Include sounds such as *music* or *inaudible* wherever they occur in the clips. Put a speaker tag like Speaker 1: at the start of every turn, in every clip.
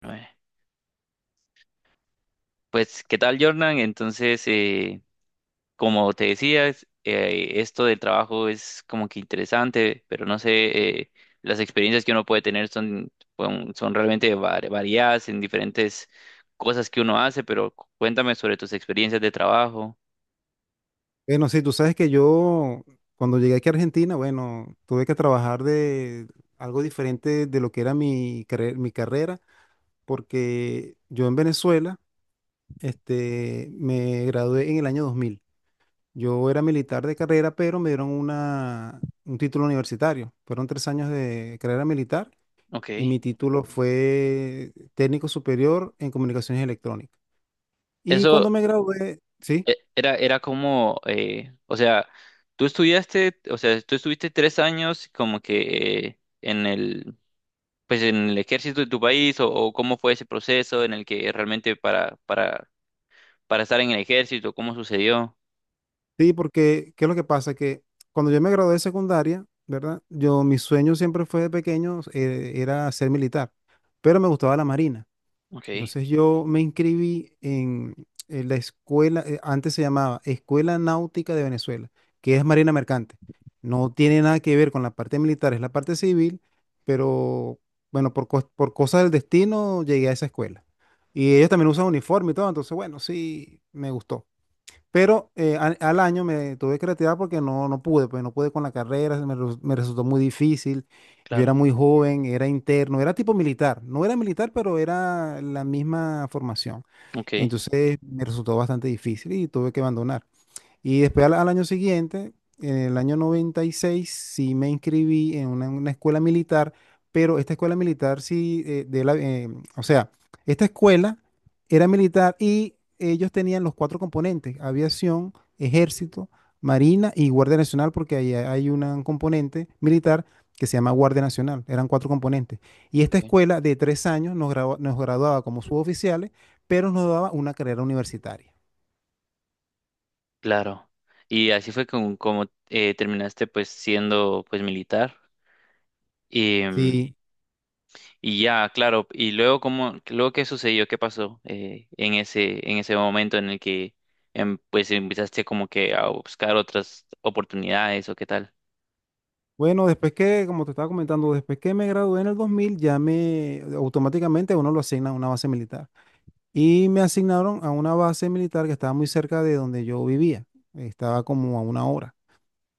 Speaker 1: Bueno. Pues, ¿qué tal, Jordan? Entonces, como te decía, esto del trabajo es como que interesante, pero no sé, las experiencias que uno puede tener son, son realmente variadas en diferentes cosas que uno hace, pero cuéntame sobre tus experiencias de trabajo.
Speaker 2: Bueno, sí, tú sabes que yo cuando llegué aquí a Argentina, bueno, tuve que trabajar de algo diferente de lo que era mi carrera, porque yo en Venezuela, me gradué en el año 2000. Yo era militar de carrera, pero me dieron un título universitario. Fueron 3 años de carrera militar y
Speaker 1: Ok.
Speaker 2: mi título fue técnico superior en comunicaciones electrónicas. Y
Speaker 1: Eso
Speaker 2: cuando me gradué, sí.
Speaker 1: era, era como, o sea, tú estudiaste, o sea, tú estuviste tres años como que en el, pues en el ejército de tu país, o, cómo fue ese proceso en el que realmente para, para estar en el ejército, cómo sucedió.
Speaker 2: Sí, porque ¿qué es lo que pasa? Que cuando yo me gradué de secundaria, ¿verdad? Yo, mi sueño siempre fue de pequeño, era ser militar, pero me gustaba la marina.
Speaker 1: Ok,
Speaker 2: Entonces yo me inscribí en la escuela, antes se llamaba Escuela Náutica de Venezuela, que es Marina Mercante. No tiene nada que ver con la parte militar, es la parte civil, pero bueno, por cosas del destino llegué a esa escuela. Y ellos también usan uniforme y todo, entonces bueno, sí, me gustó. Pero al año me tuve que retirar porque no pude, pues no pude con la carrera, me resultó muy difícil. Yo
Speaker 1: claro,
Speaker 2: era muy joven, era interno, era tipo militar. No era militar, pero era la misma formación.
Speaker 1: ok,
Speaker 2: Y entonces me resultó bastante difícil y tuve que abandonar. Y después al año siguiente, en el año 96 sí me inscribí en una escuela militar, pero esta escuela militar sí, o sea, esta escuela era militar y ellos tenían los 4 componentes: aviación, ejército, marina y guardia nacional, porque ahí hay un componente militar que se llama Guardia Nacional, eran 4 componentes. Y esta
Speaker 1: ok,
Speaker 2: escuela de 3 años nos graduaba como suboficiales, pero nos daba una carrera universitaria.
Speaker 1: claro. Y así fue como, como terminaste, pues, siendo pues militar. Y,
Speaker 2: Sí.
Speaker 1: y ya, claro, y luego cómo, luego qué sucedió, qué pasó en ese momento en el que pues empezaste como que a buscar otras oportunidades o qué tal.
Speaker 2: Bueno, después que, como te estaba comentando, después que me gradué en el 2000, ya me automáticamente uno lo asigna a una base militar. Y me asignaron a una base militar que estaba muy cerca de donde yo vivía. Estaba como a una hora.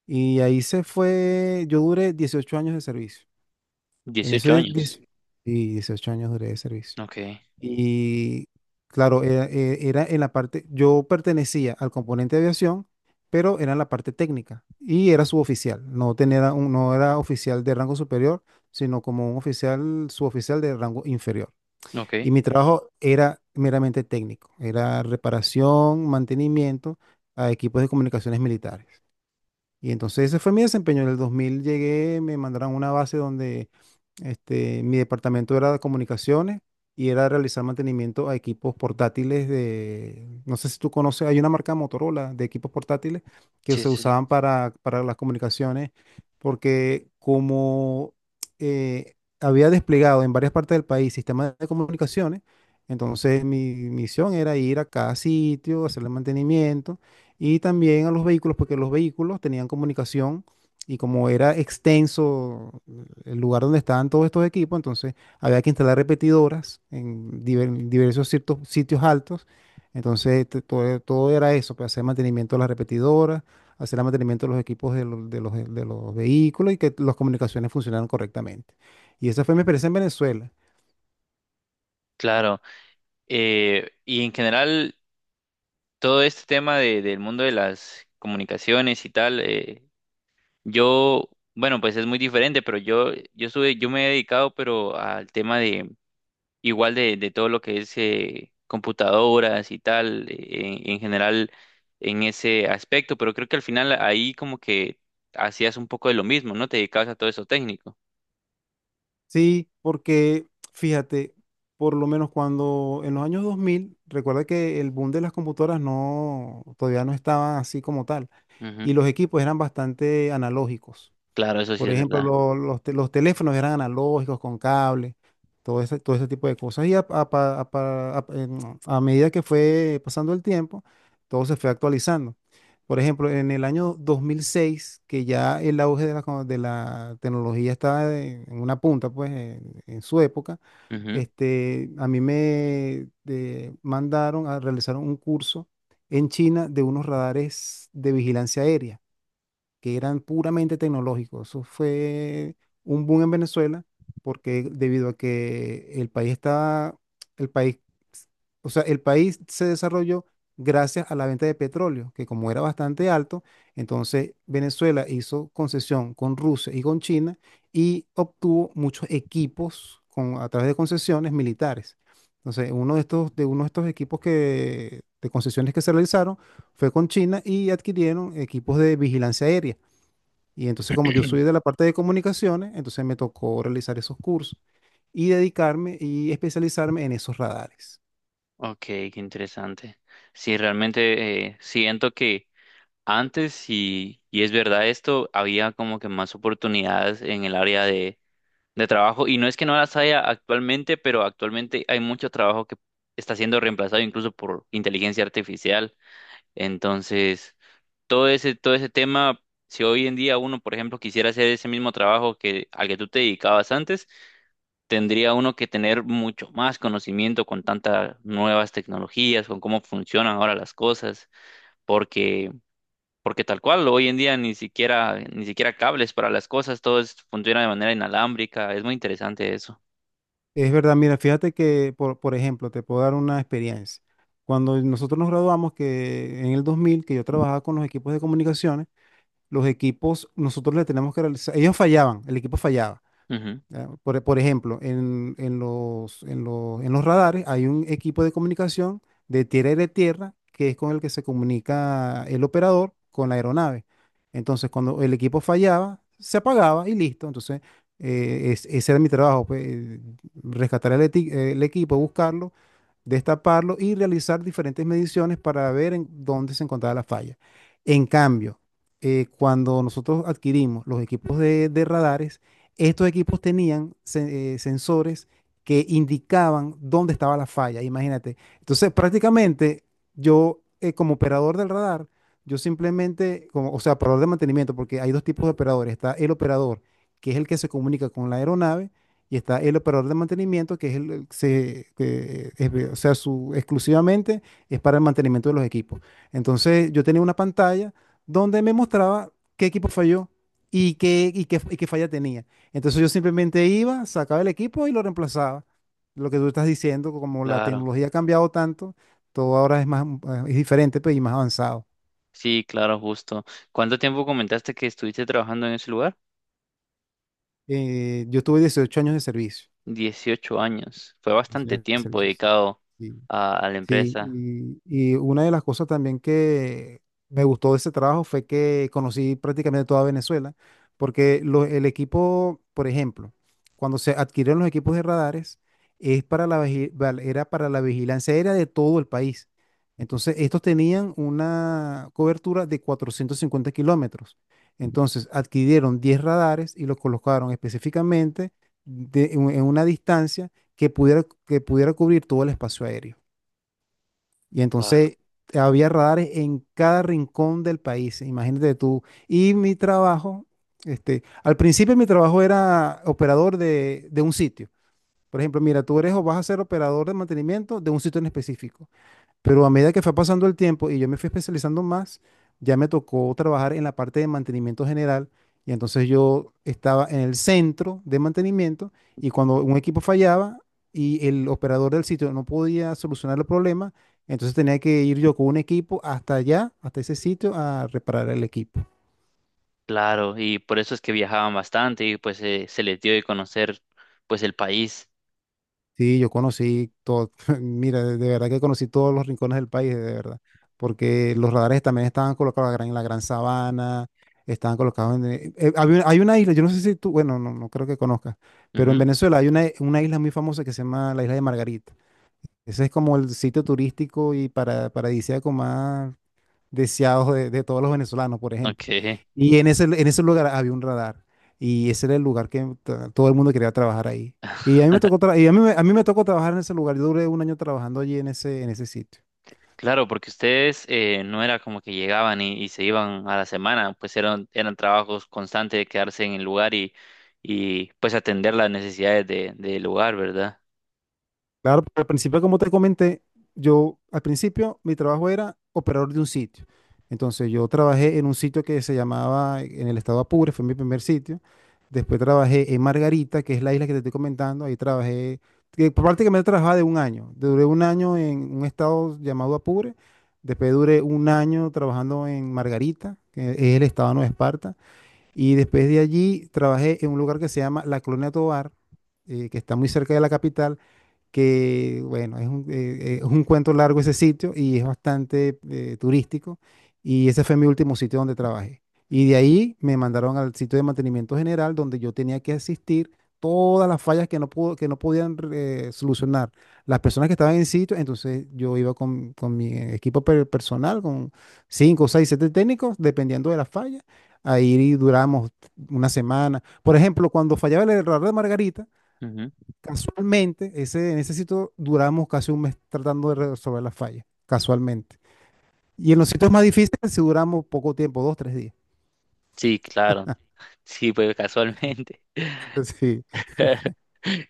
Speaker 2: Y ahí se fue, yo duré 18 años de servicio. En
Speaker 1: 18
Speaker 2: esos 10
Speaker 1: años.
Speaker 2: y 18 años duré de servicio.
Speaker 1: Ok,
Speaker 2: Y claro, era en la parte, yo pertenecía al componente de aviación, pero era en la parte técnica y era suboficial. No era oficial de rango superior, sino como un oficial, suboficial de rango inferior.
Speaker 1: ok.
Speaker 2: Y mi trabajo era meramente técnico, era reparación, mantenimiento a equipos de comunicaciones militares. Y entonces ese fue mi desempeño. En el 2000 llegué, me mandaron a una base donde mi departamento era de comunicaciones y era realizar mantenimiento a equipos portátiles de, no sé si tú conoces, hay una marca Motorola de equipos portátiles que
Speaker 1: Sí,
Speaker 2: se
Speaker 1: sí.
Speaker 2: usaban para las comunicaciones porque como eh, había desplegado en varias partes del país sistemas de comunicaciones, entonces mi misión era ir a cada sitio, hacerle mantenimiento y también a los vehículos, porque los vehículos tenían comunicación y como era extenso el lugar donde estaban todos estos equipos, entonces había que instalar repetidoras en diversos ciertos sitios altos. Entonces todo era eso, pues, hacer mantenimiento de las repetidoras, hacer el mantenimiento de los equipos de los vehículos y que las comunicaciones funcionaran correctamente. Y esa fue mi experiencia en Venezuela.
Speaker 1: Claro, y en general todo este tema del mundo de las comunicaciones y tal, yo, bueno, pues es muy diferente, pero yo estuve, yo me he dedicado, pero al tema de igual de todo lo que es computadoras y tal, en general en ese aspecto, pero creo que al final ahí como que hacías un poco de lo mismo, ¿no? Te dedicabas a todo eso técnico.
Speaker 2: Sí, porque fíjate, por lo menos cuando en los años 2000, recuerda que el boom de las computadoras no, todavía no estaba así como tal
Speaker 1: Ujú.
Speaker 2: y los equipos eran bastante analógicos.
Speaker 1: Claro, eso sí
Speaker 2: Por
Speaker 1: es
Speaker 2: ejemplo,
Speaker 1: verdad.
Speaker 2: los teléfonos eran analógicos con cable, todo ese tipo de cosas. Y a pa- a pa- a- en- a medida que fue pasando el tiempo, todo se fue actualizando. Por ejemplo, en el año 2006, que ya el auge de la, tecnología estaba en una punta, pues, en su época, a mí me mandaron a realizar un curso en China de unos radares de vigilancia aérea que eran puramente tecnológicos. Eso fue un boom en Venezuela porque debido a que el país estaba, el país, o sea, el país se desarrolló gracias a la venta de petróleo, que como era bastante alto, entonces Venezuela hizo concesión con Rusia y con China y obtuvo muchos equipos a través de concesiones militares. Entonces, de uno de estos equipos de concesiones que se realizaron fue con China y adquirieron equipos de vigilancia aérea. Y entonces como yo soy de la parte de comunicaciones, entonces me tocó realizar esos cursos y dedicarme y especializarme en esos radares.
Speaker 1: Ok, qué interesante. Sí, realmente siento que antes, y es verdad esto, había como que más oportunidades en el área de trabajo. Y no es que no las haya actualmente, pero actualmente hay mucho trabajo que está siendo reemplazado incluso por inteligencia artificial. Entonces, todo ese tema, si hoy en día uno, por ejemplo, quisiera hacer ese mismo trabajo que, al que tú te dedicabas antes, tendría uno que tener mucho más conocimiento con tantas nuevas tecnologías, con cómo funcionan ahora las cosas, porque, porque tal cual, hoy en día ni siquiera, ni siquiera cables para las cosas, funciona de manera inalámbrica, es muy interesante eso.
Speaker 2: Es verdad, mira, fíjate que, por ejemplo, te puedo dar una experiencia. Cuando nosotros nos graduamos, que en el 2000, que yo trabajaba con los equipos de comunicaciones, los equipos, nosotros les tenemos que realizar, ellos fallaban, el equipo fallaba.
Speaker 1: Ujú,
Speaker 2: ¿Ya? Por ejemplo, en los radares hay un equipo de comunicación de tierra y de tierra que es con el que se comunica el operador con la aeronave. Entonces, cuando el equipo fallaba, se apagaba y listo. Entonces, ese era mi trabajo, pues, rescatar el equipo, buscarlo, destaparlo y realizar diferentes mediciones para ver en dónde se encontraba la falla. En cambio, cuando nosotros adquirimos los equipos de radares, estos equipos tenían sensores que indicaban dónde estaba la falla, imagínate. Entonces, prácticamente yo, como operador del radar, yo simplemente, como, o sea, operador de mantenimiento, porque hay dos tipos de operadores. Está el operador, que es el que se comunica con la aeronave, y está el operador de mantenimiento, que es el que se, o sea, exclusivamente es para el mantenimiento de los equipos. Entonces, yo tenía una pantalla donde me mostraba qué equipo falló y qué falla tenía. Entonces yo simplemente iba, sacaba el equipo y lo reemplazaba. Lo que tú estás diciendo, como la
Speaker 1: claro,
Speaker 2: tecnología ha cambiado tanto, todo ahora es más, es diferente, pues, y más avanzado.
Speaker 1: sí, claro, justo. ¿Cuánto tiempo comentaste que estuviste trabajando en ese lugar?
Speaker 2: Yo tuve 18 años de servicio.
Speaker 1: 18 años, fue
Speaker 2: 18
Speaker 1: bastante
Speaker 2: años de
Speaker 1: tiempo
Speaker 2: servicio, sí.
Speaker 1: dedicado
Speaker 2: Sí.
Speaker 1: a la
Speaker 2: Sí,
Speaker 1: empresa.
Speaker 2: y una de las cosas también que me gustó de ese trabajo fue que conocí prácticamente toda Venezuela, porque el equipo, por ejemplo, cuando se adquirieron los equipos de radares, es para la, vigi- val- era para la vigilancia aérea de todo el país. Entonces, estos tenían una cobertura de 450 kilómetros. Entonces, adquirieron 10 radares y los colocaron específicamente en una distancia que pudiera cubrir todo el espacio aéreo. Y
Speaker 1: Claro.
Speaker 2: entonces había radares en cada rincón del país, imagínate tú. Y mi trabajo, al principio mi trabajo era operador de un sitio. Por ejemplo, mira, tú eres o vas a ser operador de mantenimiento de un sitio en específico. Pero a medida que fue pasando el tiempo y yo me fui especializando más, ya me tocó trabajar en la parte de mantenimiento general. Y entonces yo estaba en el centro de mantenimiento y cuando un equipo fallaba y el operador del sitio no podía solucionar el problema, entonces tenía que ir yo con un equipo hasta allá, hasta ese sitio, a reparar el equipo.
Speaker 1: Claro, y por eso es que viajaban bastante y pues se les dio de conocer pues el país.
Speaker 2: Sí, yo conocí todo, *laughs* mira, de verdad que conocí todos los rincones del país, de verdad, porque los radares también estaban colocados en la Gran Sabana, estaban colocados hay una isla, yo no sé si tú, bueno, no creo que conozcas, pero en
Speaker 1: Ujú,
Speaker 2: Venezuela hay una isla muy famosa que se llama la isla de Margarita. Ese es como el sitio turístico y paradisíaco más deseados de todos los venezolanos, por ejemplo.
Speaker 1: ok.
Speaker 2: Y en ese lugar había un radar y ese era el lugar que todo el mundo quería trabajar ahí. A mí me tocó trabajar en ese lugar. Yo duré un año trabajando allí en ese sitio.
Speaker 1: Claro, porque ustedes no era como que llegaban y se iban a la semana, pues eran, eran trabajos constantes de quedarse en el lugar y pues atender las necesidades de, del lugar, ¿verdad?
Speaker 2: Claro, pero al principio, como te comenté, yo al principio mi trabajo era operador de un sitio. Entonces yo trabajé en un sitio que se llamaba en el estado Apure, fue mi primer sitio. Después trabajé en Margarita, que es la isla que te estoy comentando. Ahí trabajé, que prácticamente trabajaba de un año. Duré un año en un estado llamado Apure. Después duré un año trabajando en Margarita, que es el estado de Nueva Esparta. Y después de allí trabajé en un lugar que se llama La Colonia Tovar, que está muy cerca de la capital, que bueno, es un cuento largo ese sitio y es bastante turístico, y ese fue mi último sitio donde trabajé. Y de ahí me mandaron al sitio de mantenimiento general donde yo tenía que asistir todas las fallas que no pudo, que no podían solucionar las personas que estaban en sitio, entonces yo iba con mi equipo personal, con cinco, seis, siete técnicos, dependiendo de la falla. Ahí duramos una semana. Por ejemplo, cuando fallaba el error de Margarita,
Speaker 1: Ujú.
Speaker 2: casualmente, en ese sitio duramos casi un mes tratando de resolver las fallas, casualmente. Y en los sitios más difíciles sí duramos poco tiempo, dos, tres días.
Speaker 1: Sí, claro, *laughs* sí, pues casualmente.
Speaker 2: *laughs* Sí.
Speaker 1: *laughs*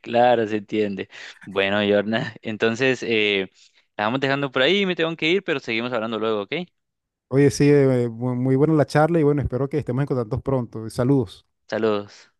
Speaker 1: Claro, se entiende. Bueno, Yorna, *laughs* entonces la vamos dejando por ahí, me tengo que ir, pero seguimos hablando luego, ¿ok?
Speaker 2: Oye, sí, muy muy buena la charla y bueno, espero que estemos en contacto pronto. Saludos.
Speaker 1: Saludos.